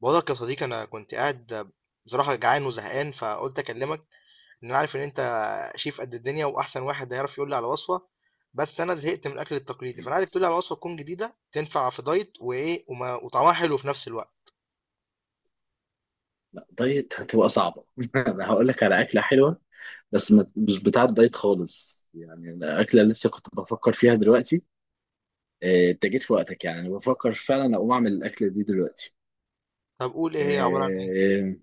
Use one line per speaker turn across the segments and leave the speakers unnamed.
بقولك يا صديقي، انا كنت قاعد بصراحه جعان وزهقان فقلت اكلمك ان انا عارف ان انت شيف قد الدنيا واحسن واحد هيعرف يقول لي على وصفه. بس انا زهقت من الاكل التقليدي، فانا عايزك تقول لي على وصفه تكون جديده تنفع في دايت وايه وما وطعمها حلو في نفس الوقت.
لا دايت هتبقى صعبة أنا هقول لك على أكلة حلوة بس مش بتاعة دايت خالص، يعني الأكلة اللي لسه كنت بفكر فيها دلوقتي. أنت جيت في وقتك، يعني أنا بفكر فعلا أقوم أعمل الأكلة دي دلوقتي.
طب قول، ايه هي عباره عن ايه؟
آه،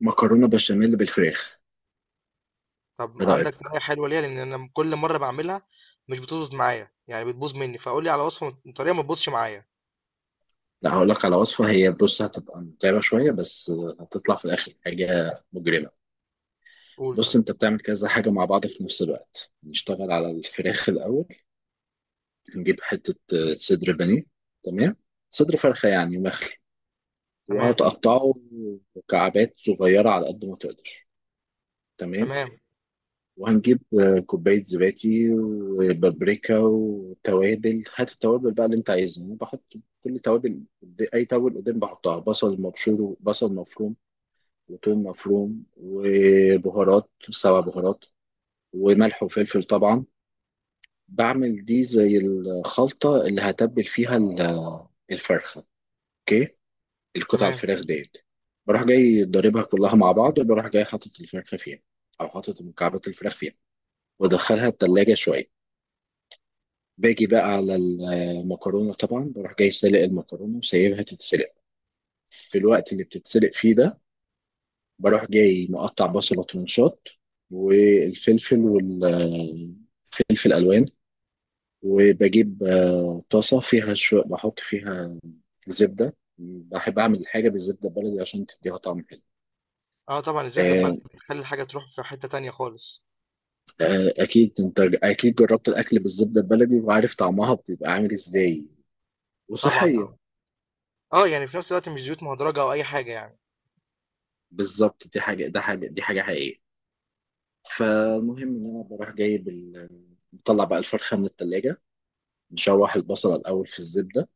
مكرونة بشاميل بالفراخ.
طب
إيه رأيك؟
عندك طريقه حلوه ليها؟ لان انا كل مره بعملها مش بتظبط معايا، يعني بتبوظ مني، فقول لي على وصفه طريقه ما تبوظش معايا.
لا، هقول لك على وصفة، هي بص هتبقى متعبة شوية بس هتطلع في الآخر حاجة مجرمة.
قول.
بص،
طيب.
أنت بتعمل كذا حاجة مع بعض في نفس الوقت. نشتغل على الفراخ الأول، نجيب حتة صدر بانيه، تمام، صدر فرخة يعني مخلي،
تمام
وهتقطعه مكعبات صغيرة على قد ما تقدر. تمام.
تمام
وهنجيب كوباية زبادي وبابريكا وتوابل، هات التوابل بقى اللي انت عايزها، انا بحط كل توابل قد- اي توابل قدام بحطها، بصل مبشور وبصل مفروم وتوم مفروم وبهارات 7 بهارات وملح وفلفل طبعا. بعمل دي زي الخلطة اللي هتبل فيها الفرخة. اوكي، القطع
تمام.
الفراخ ديت بروح جاي ضاربها كلها مع بعض، وبروح جاي حاطط الفرخة فيها، أو حاطط مكعبات الفراخ فيها، وأدخلها التلاجة شوية. باجي بقى على المكرونة، طبعا بروح جاي سالق المكرونة وسايبها تتسلق. في الوقت اللي بتتسلق فيه ده بروح جاي مقطع بصلة ترنشات، والفلفل ألوان. وبجيب طاسة فيها شو، بحط فيها زبدة، بحب أعمل حاجة بالزبدة البلدي عشان تديها طعم حلو.
اه طبعا، الزبده البلدي
آه،
بتخلي الحاجه تروح في حته تانية خالص.
اكيد انت اكيد جربت الاكل بالزبده البلدي وعارف طعمها بيبقى عامل ازاي،
طبعا
وصحيه.
طبعا. يعني في نفس الوقت مش زيوت مهدرجة أو أي حاجة يعني.
بالظبط، دي حاجه حقيقيه. فالمهم ان انا بروح جايب بطلع بقى الفرخه من التلاجة، نشوح البصل الاول في الزبده،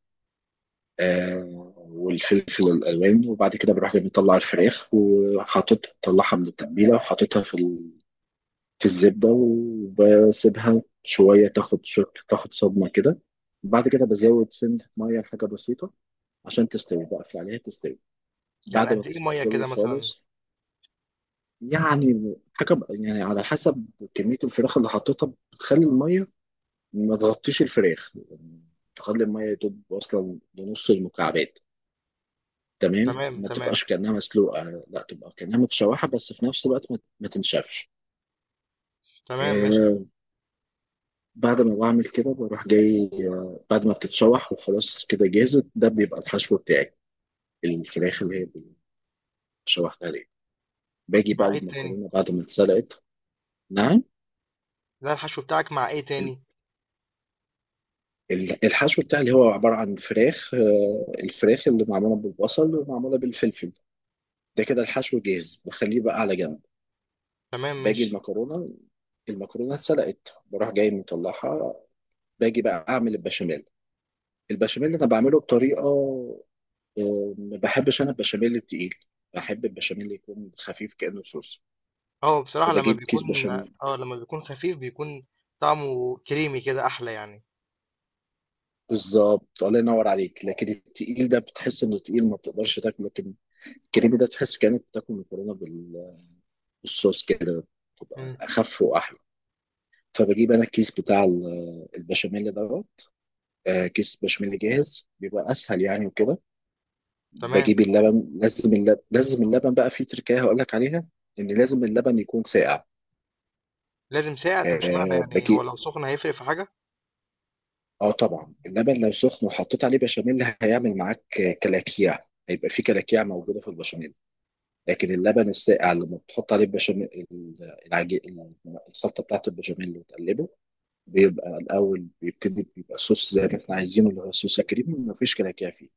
آه، والفلفل الالوان. وبعد كده بروح جاي مطلع الفراخ وحاطط، طلعها من التتبيله وحاططها في الزبده، وبسيبها شويه تاخد صدمه كده. بعد كده بزود سنة مية حاجة بسيطة عشان تستوي، بقفل عليها تستوي.
يعني
بعد ما
قد إيه مية
تستوي
كده مثلا؟
خالص، يعني على حسب كمية الفراخ اللي حطيتها، بتخلي المية ما تغطيش الفراخ يعني، تخلي المية يدوب أصلا لنص المكعبات، تمام،
تمام
ما
تمام.
تبقاش كأنها مسلوقة، لا تبقى كأنها متشوحة بس في نفس الوقت ما تنشفش.
تمام ماشي.
آه. بعد ما بعمل كده بروح جاي، آه، بعد ما بتتشوح وخلاص كده جاهزة، ده بيبقى الحشو بتاعي، الفراخ اللي هي شوحتها دي. باجي بقى
مع إيه تاني؟
المكرونة بعد ما اتسلقت. نعم.
ده الحشو بتاعك مع إيه
ال-
تاني؟
الحشو بتاعي اللي هو عبارة عن فراخ، الفراخ اللي معمولة بالبصل ومعمولة بالفلفل، ده كده الحشو جاهز، بخليه بقى على جنب.
تمام
باجي
ماشي.
المكرونة، المكرونة اتسلقت بروح جاي مطلعها. باجي بقى أعمل البشاميل. البشاميل أنا بعمله بطريقة، ما بحبش أنا البشاميل التقيل، بحب البشاميل يكون خفيف كأنه صوص.
اه بصراحة لما
فبجيب كيس
بيكون،
بشاميل.
اه لما بيكون خفيف بيكون طعمه كريمي كده أحلى يعني.
بالظبط، الله ينور عليك، لكن التقيل ده بتحس انه تقيل ما بتقدرش تاكله، لكن الكريمي ده تحس كأنك بتاكل مكرونه، والصوص كده
مم.
تبقى اخف واحلى. فبجيب انا الكيس بتاع البشاميل دوت. كيس بشاميل جاهز بيبقى اسهل يعني، وكده
تمام.
بجيب اللبن، لازم اللبن بقى في تركايه هقول لك عليها، ان لازم اللبن يكون ساقع.
لازم ساقع؟ طب اشمعنى؟
أه
يعني هو
بجيب،
لو سخن هيفرق في حاجة؟
اه طبعا، اللبن لو سخن وحطيت عليه بشاميل هيعمل معاك كلاكيع، هيبقى في كلاكيع موجوده في البشاميل. لكن اللبن الساقع لما بتحط عليه البشاميل، العجين، الخلطه بتاعت البشاميل وتقلبه، بيبقى الأول بيبتدي بيبقى صوص زي ما احنا عايزينه، اللي هو صوص كريم مفيش كلاكيع فيه.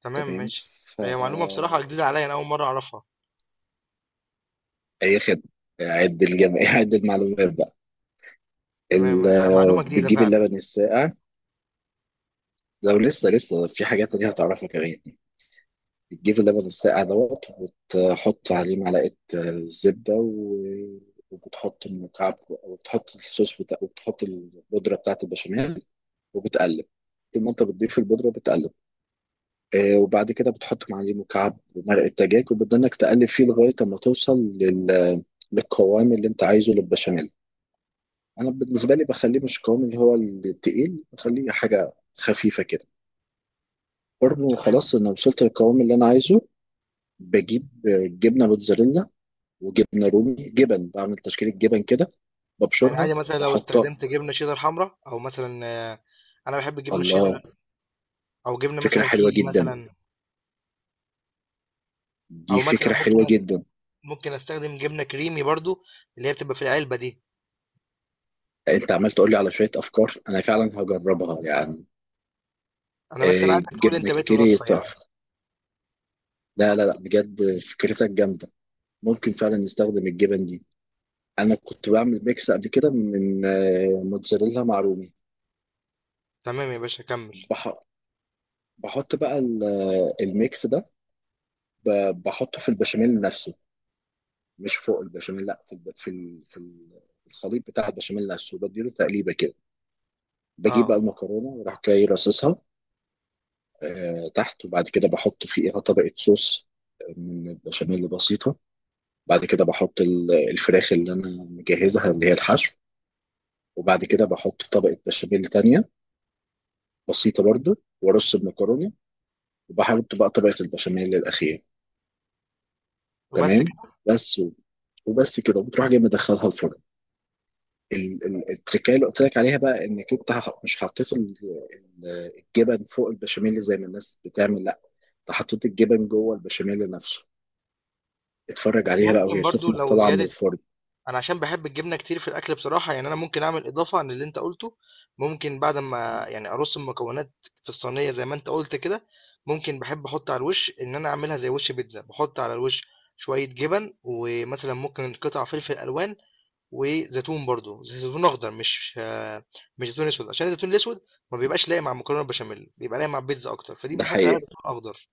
تمام
تمام.
ماشي.
ف.
هي معلومة بصراحة جديدة عليا، أنا أول مرة أعرفها.
أي خدمة، عد الجمع عد المعلومات بقى.
تمام، معلومة جديدة
بتجيب
فعلا.
اللبن الساقع، لو لسه في حاجات تانية هتعرفها كمان. بتجيب اللبن الساقع دوت، وتحط عليه معلقة زبدة وبتحط المكعب، وبتحط الصوص بتاع، وبتحط البودرة بتاعة البشاميل وبتقلب. طول ما انت بتضيف البودرة بتقلب. وبعد كده بتحط معليه مكعب مرق الدجاج، وبتضلك تقلب فيه لغايه اما توصل للقوام اللي انت عايزه للبشاميل. انا بالنسبه لي بخليه مش القوام اللي هو التقيل، بخليه حاجه خفيفه كده. برضه
تمام.
خلاص، انا وصلت للقوام اللي انا عايزه. بجيب جبنه موتزاريلا وجبنه رومي، جبن، بعمل تشكيله جبن كده،
يعني
ببشرها
عادي مثلا لو
واحطها.
استخدمت جبنة شيدر حمراء، أو مثلا آه، انا بحب الجبنه
الله،
الشيدر، او جبنه
فكره
مثلا
حلوه
كيري
جدا،
مثلا،
دي
او مثلا
فكره حلوه
ممكن
جدا.
ممكن استخدم جبنه كريمي برضو، اللي هي بتبقى في العلبه دي.
انت عمال تقول لي على شويه افكار، انا فعلا هجربها يعني.
انا بس انا عايزك تقول
جبنة
انت بقيت
كيري
الوصفه يعني.
تحفة. لا لا لا، بجد فكرتك جامدة، ممكن فعلا نستخدم الجبن دي. أنا كنت بعمل ميكس قبل كده من موتزاريلا مع رومي.
تمام يا باشا، كمل.
بح- بحط بقى الميكس ده، بحطه في البشاميل نفسه، مش فوق البشاميل لا، في الخليط بتاع البشاميل نفسه، بديله تقليبة كده. بجيب
اه.
بقى المكرونة وراح جاي راصصها تحت. وبعد كده بحط فيها طبقة صوص من البشاميل بسيطة. بعد كده بحط الفراخ اللي انا مجهزها اللي هي الحشو. وبعد كده بحط طبقة بشاميل تانية بسيطة برضو، وارص المكرونة، وبحط بقى طبقة البشاميل الأخيرة.
وبس
تمام.
كده؟
بس و- وبس كده، وبتروح جاي مدخلها الفرن. التركايه اللي قلت لك عليها بقى، انك انت مش حطيت الجبن فوق البشاميل زي ما الناس بتعمل، لا، انت حطيت الجبن جوه البشاميل نفسه. اتفرج
بس
عليها بقى
ممكن
وهي
برضو
سخنة
لو
طالعة من
زياده،
الفرن.
انا عشان بحب الجبنه كتير في الاكل بصراحه، يعني انا ممكن اعمل اضافه عن اللي انت قلته. ممكن بعد ما يعني ارص المكونات في الصينيه زي ما انت قلت كده، ممكن بحب احط على الوش، ان انا اعملها زي وش بيتزا. بحط على الوش شويه جبن، ومثلا ممكن قطع فلفل الوان، وزيتون برضو، زيتون اخضر، مش مش زيتون اسود، عشان الزيتون الاسود ما بيبقاش لايق مع المكرونه البشاميل. بيبقى لايق مع البيتزا اكتر، فدي
ده
بنحط عليها
حقيقة،
زيتون اخضر.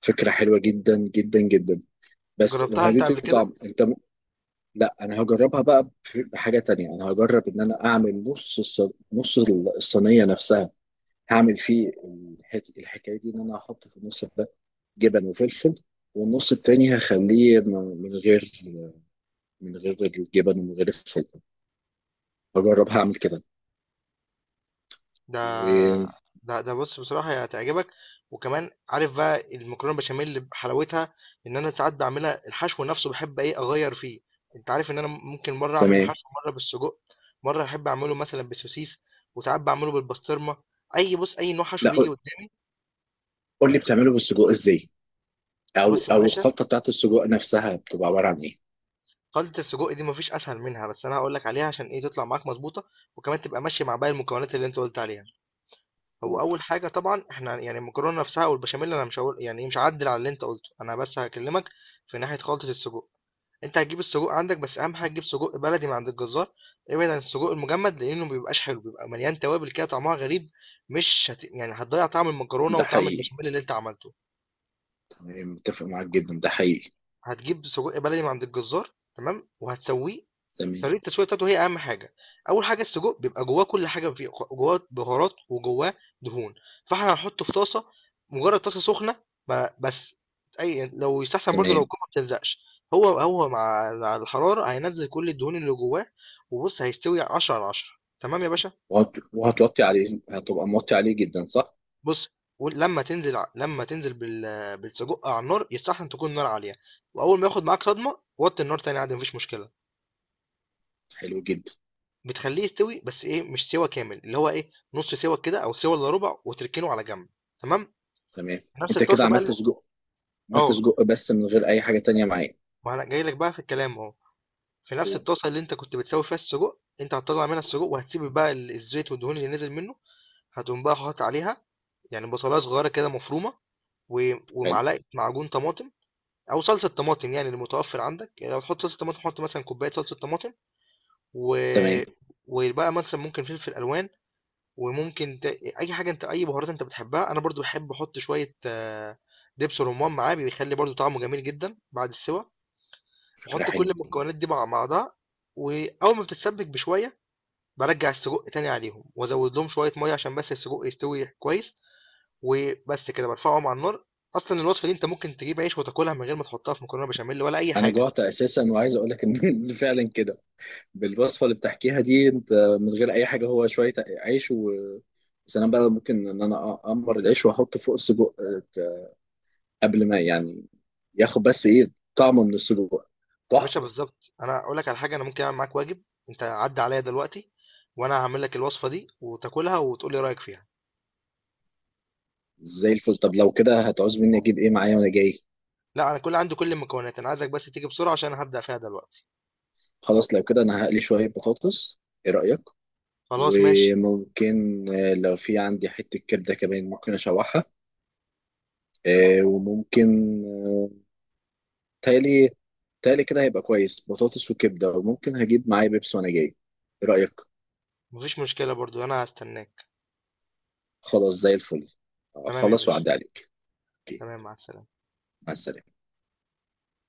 فكرة حلوة جدا جدا جدا. بس
جربتها
وهتدي
انت قبل كده؟
طعم لا، انا هجربها بقى، في حاجه تانية انا هجرب ان انا اعمل نص الصينيه نفسها، هعمل فيه الحكايه دي، ان انا هحط في النص ده جبن وفلفل، والنص التاني هخليه من غير، من غير الجبن ومن غير الفلفل، هجرب هعمل كده
ده
وتمام.
ده بص بصراحه هي هتعجبك. وكمان عارف بقى المكرونه البشاميل اللي بحلاوتها، ان انا ساعات بعملها الحشو نفسه بحب ايه اغير فيه. انت عارف ان انا ممكن مره اعمل الحشو مره بالسجق، مره احب اعمله مثلا بالسوسيس، وساعات بعمله بالبسطرمه. اي بص، اي نوع حشو
لا
بيجي
قول،
قدامي.
قول لي بتعمله بالسجق ازاي، او
بص يا
او
باشا،
الخلطه بتاعت السجق نفسها بتبقى عباره عن ايه.
خلطة السجق دي ما فيش أسهل منها، بس أنا هاقول لك عليها عشان إيه تطلع معاك مضبوطة، وكمان تبقى ماشية مع باقي المكونات اللي أنت قُلت عليها. هو
قول.
أول حاجة طبعًا إحنا يعني المكرونة نفسها والبشاميل أنا مش هاقول يعني إيه، مش هاعدِّل على اللي أنت قُلته، أنا بس هاكلمك في ناحية خلطة السجق. أنت هتجيب السجق عندك، بس أهم حاجة تجيب سجق بلدي من عند الجزار، ابعد عن السجق المجمد لإنه ما بيبقاش حلو، بيبقى مليان توابل كده طعمها غريب، مش هت يعني هتضيّع طعم المكرونة
ده
وطعم
حقيقي،
البشاميل اللي أنت عملته.
تمام، متفق معاك جدا، ده حقيقي.
هتجيب سجق بلدي من عند الجزار، تمام، وهتسويه.
تمام
طريقة التسوية بتاعته هي أهم حاجة. أول حاجة، السجق بيبقى جواه كل حاجة، فيه جواه بهارات وجواه دهون، فإحنا هنحطه في طاسة، مجرد طاسة سخنة بس. أي يعني لو يستحسن برضه لو
تمام.
القوة ما بتلزقش، هو مع الحرارة هينزل كل الدهون اللي جواه. وبص هيستوي 10 على 10، تمام يا باشا؟
وهتوطي عليه، هتبقى موطي عليه جدا صح؟
بص، لما تنزل بالسجق على النار يستحسن تكون النار عالية، وأول ما ياخد معاك صدمة وطي النار تاني عادي مفيش مشكلة.
حلو جدا.
بتخلّيه يستوي بس إيه، مش سِوَى كامل، اللي هو إيه، نُص سِوَى كده أو سِوَى إلّا رُبع وتركنه على جنب، تمام؟
تمام.
نفس
انت كده
الطاسة بقى
عملت
ال
سجق، عملت
آه،
سجق بس من غير اي حاجة تانية معايا.
ما أنا جاي لك بقى في الكلام أهو. في نفس
أوه،
الطاسة اللي أنت كنت بتسوّي فيها السجق، أنت هتطلّع منها السجق وهتسيب بقى ال الزيت والدهون اللي نزل منه، هتقوم بقى حاطط عليها يعني بصلاية صغيّرة كده مفرومة، و
حلو،
ومعلقة معجون طماطم أو صلصة طماطم، يعني المتوفّر عندك. يعني لو هتحط صلصة طماطم، حُط مثلًا كوباية صلصة طماطم. و
تمام،
وبقى مثلًا ممكن فلفل ألوان، وممكن ت... اي حاجه انت، اي بهارات انت بتحبها. انا برضو بحب احط شويه دبس رمان معاه، بيخلي برضو طعمه جميل جدا بعد السوا.
فكرة
بحط كل
حلوة.
المكونات دي مع بعضها، واول ما بتتسبك بشويه برجع السجق تاني عليهم وازود لهم شويه ميه عشان بس السجق يستوي كويس، وبس كده برفعهم على النار. اصلا الوصفه دي انت ممكن تجيب عيش وتاكلها من غير ما تحطها في مكرونه بشاميل ولا اي
انا
حاجه.
جوعت اساسا، وعايز اقول لك ان فعلا كده بالوصفة اللي بتحكيها دي انت، من غير اي حاجة، هو شوية عيش و سلام بقى، ممكن ان انا اقمر العيش واحط فوق السجق، آه، قبل ما يعني ياخد بس ايه طعمه من السجق،
يا باشا
تحفة.
بالظبط، انا اقول لك على حاجه، انا ممكن اعمل معاك واجب. انت عدى عليا دلوقتي، وانا هعمل لك الوصفه دي وتاكلها وتقول لي رايك فيها.
زي الفل، طب لو كده هتعوز مني اجيب ايه معايا وانا جاي؟
لا انا عندي كل المكونات، انا عايزك بس تيجي بسرعة عشان أنا هبدأ فيها دلوقتي.
خلاص لو كده انا هقلي شوية بطاطس، ايه رأيك؟
خلاص ماشي.
وممكن لو في عندي حتة كبدة كمان ممكن اشوحها. آه، وممكن آه، تالي، تالي كده هيبقى كويس، بطاطس وكبدة، وممكن هجيب معايا بيبس وانا جاي، ايه رأيك؟
مفيش مشكلة برضو، انا هستناك.
خلاص زي الفل.
تمام يا
خلاص
باشا.
وعدي عليك. أوكي،
تمام، مع السلامة.
مع السلامة.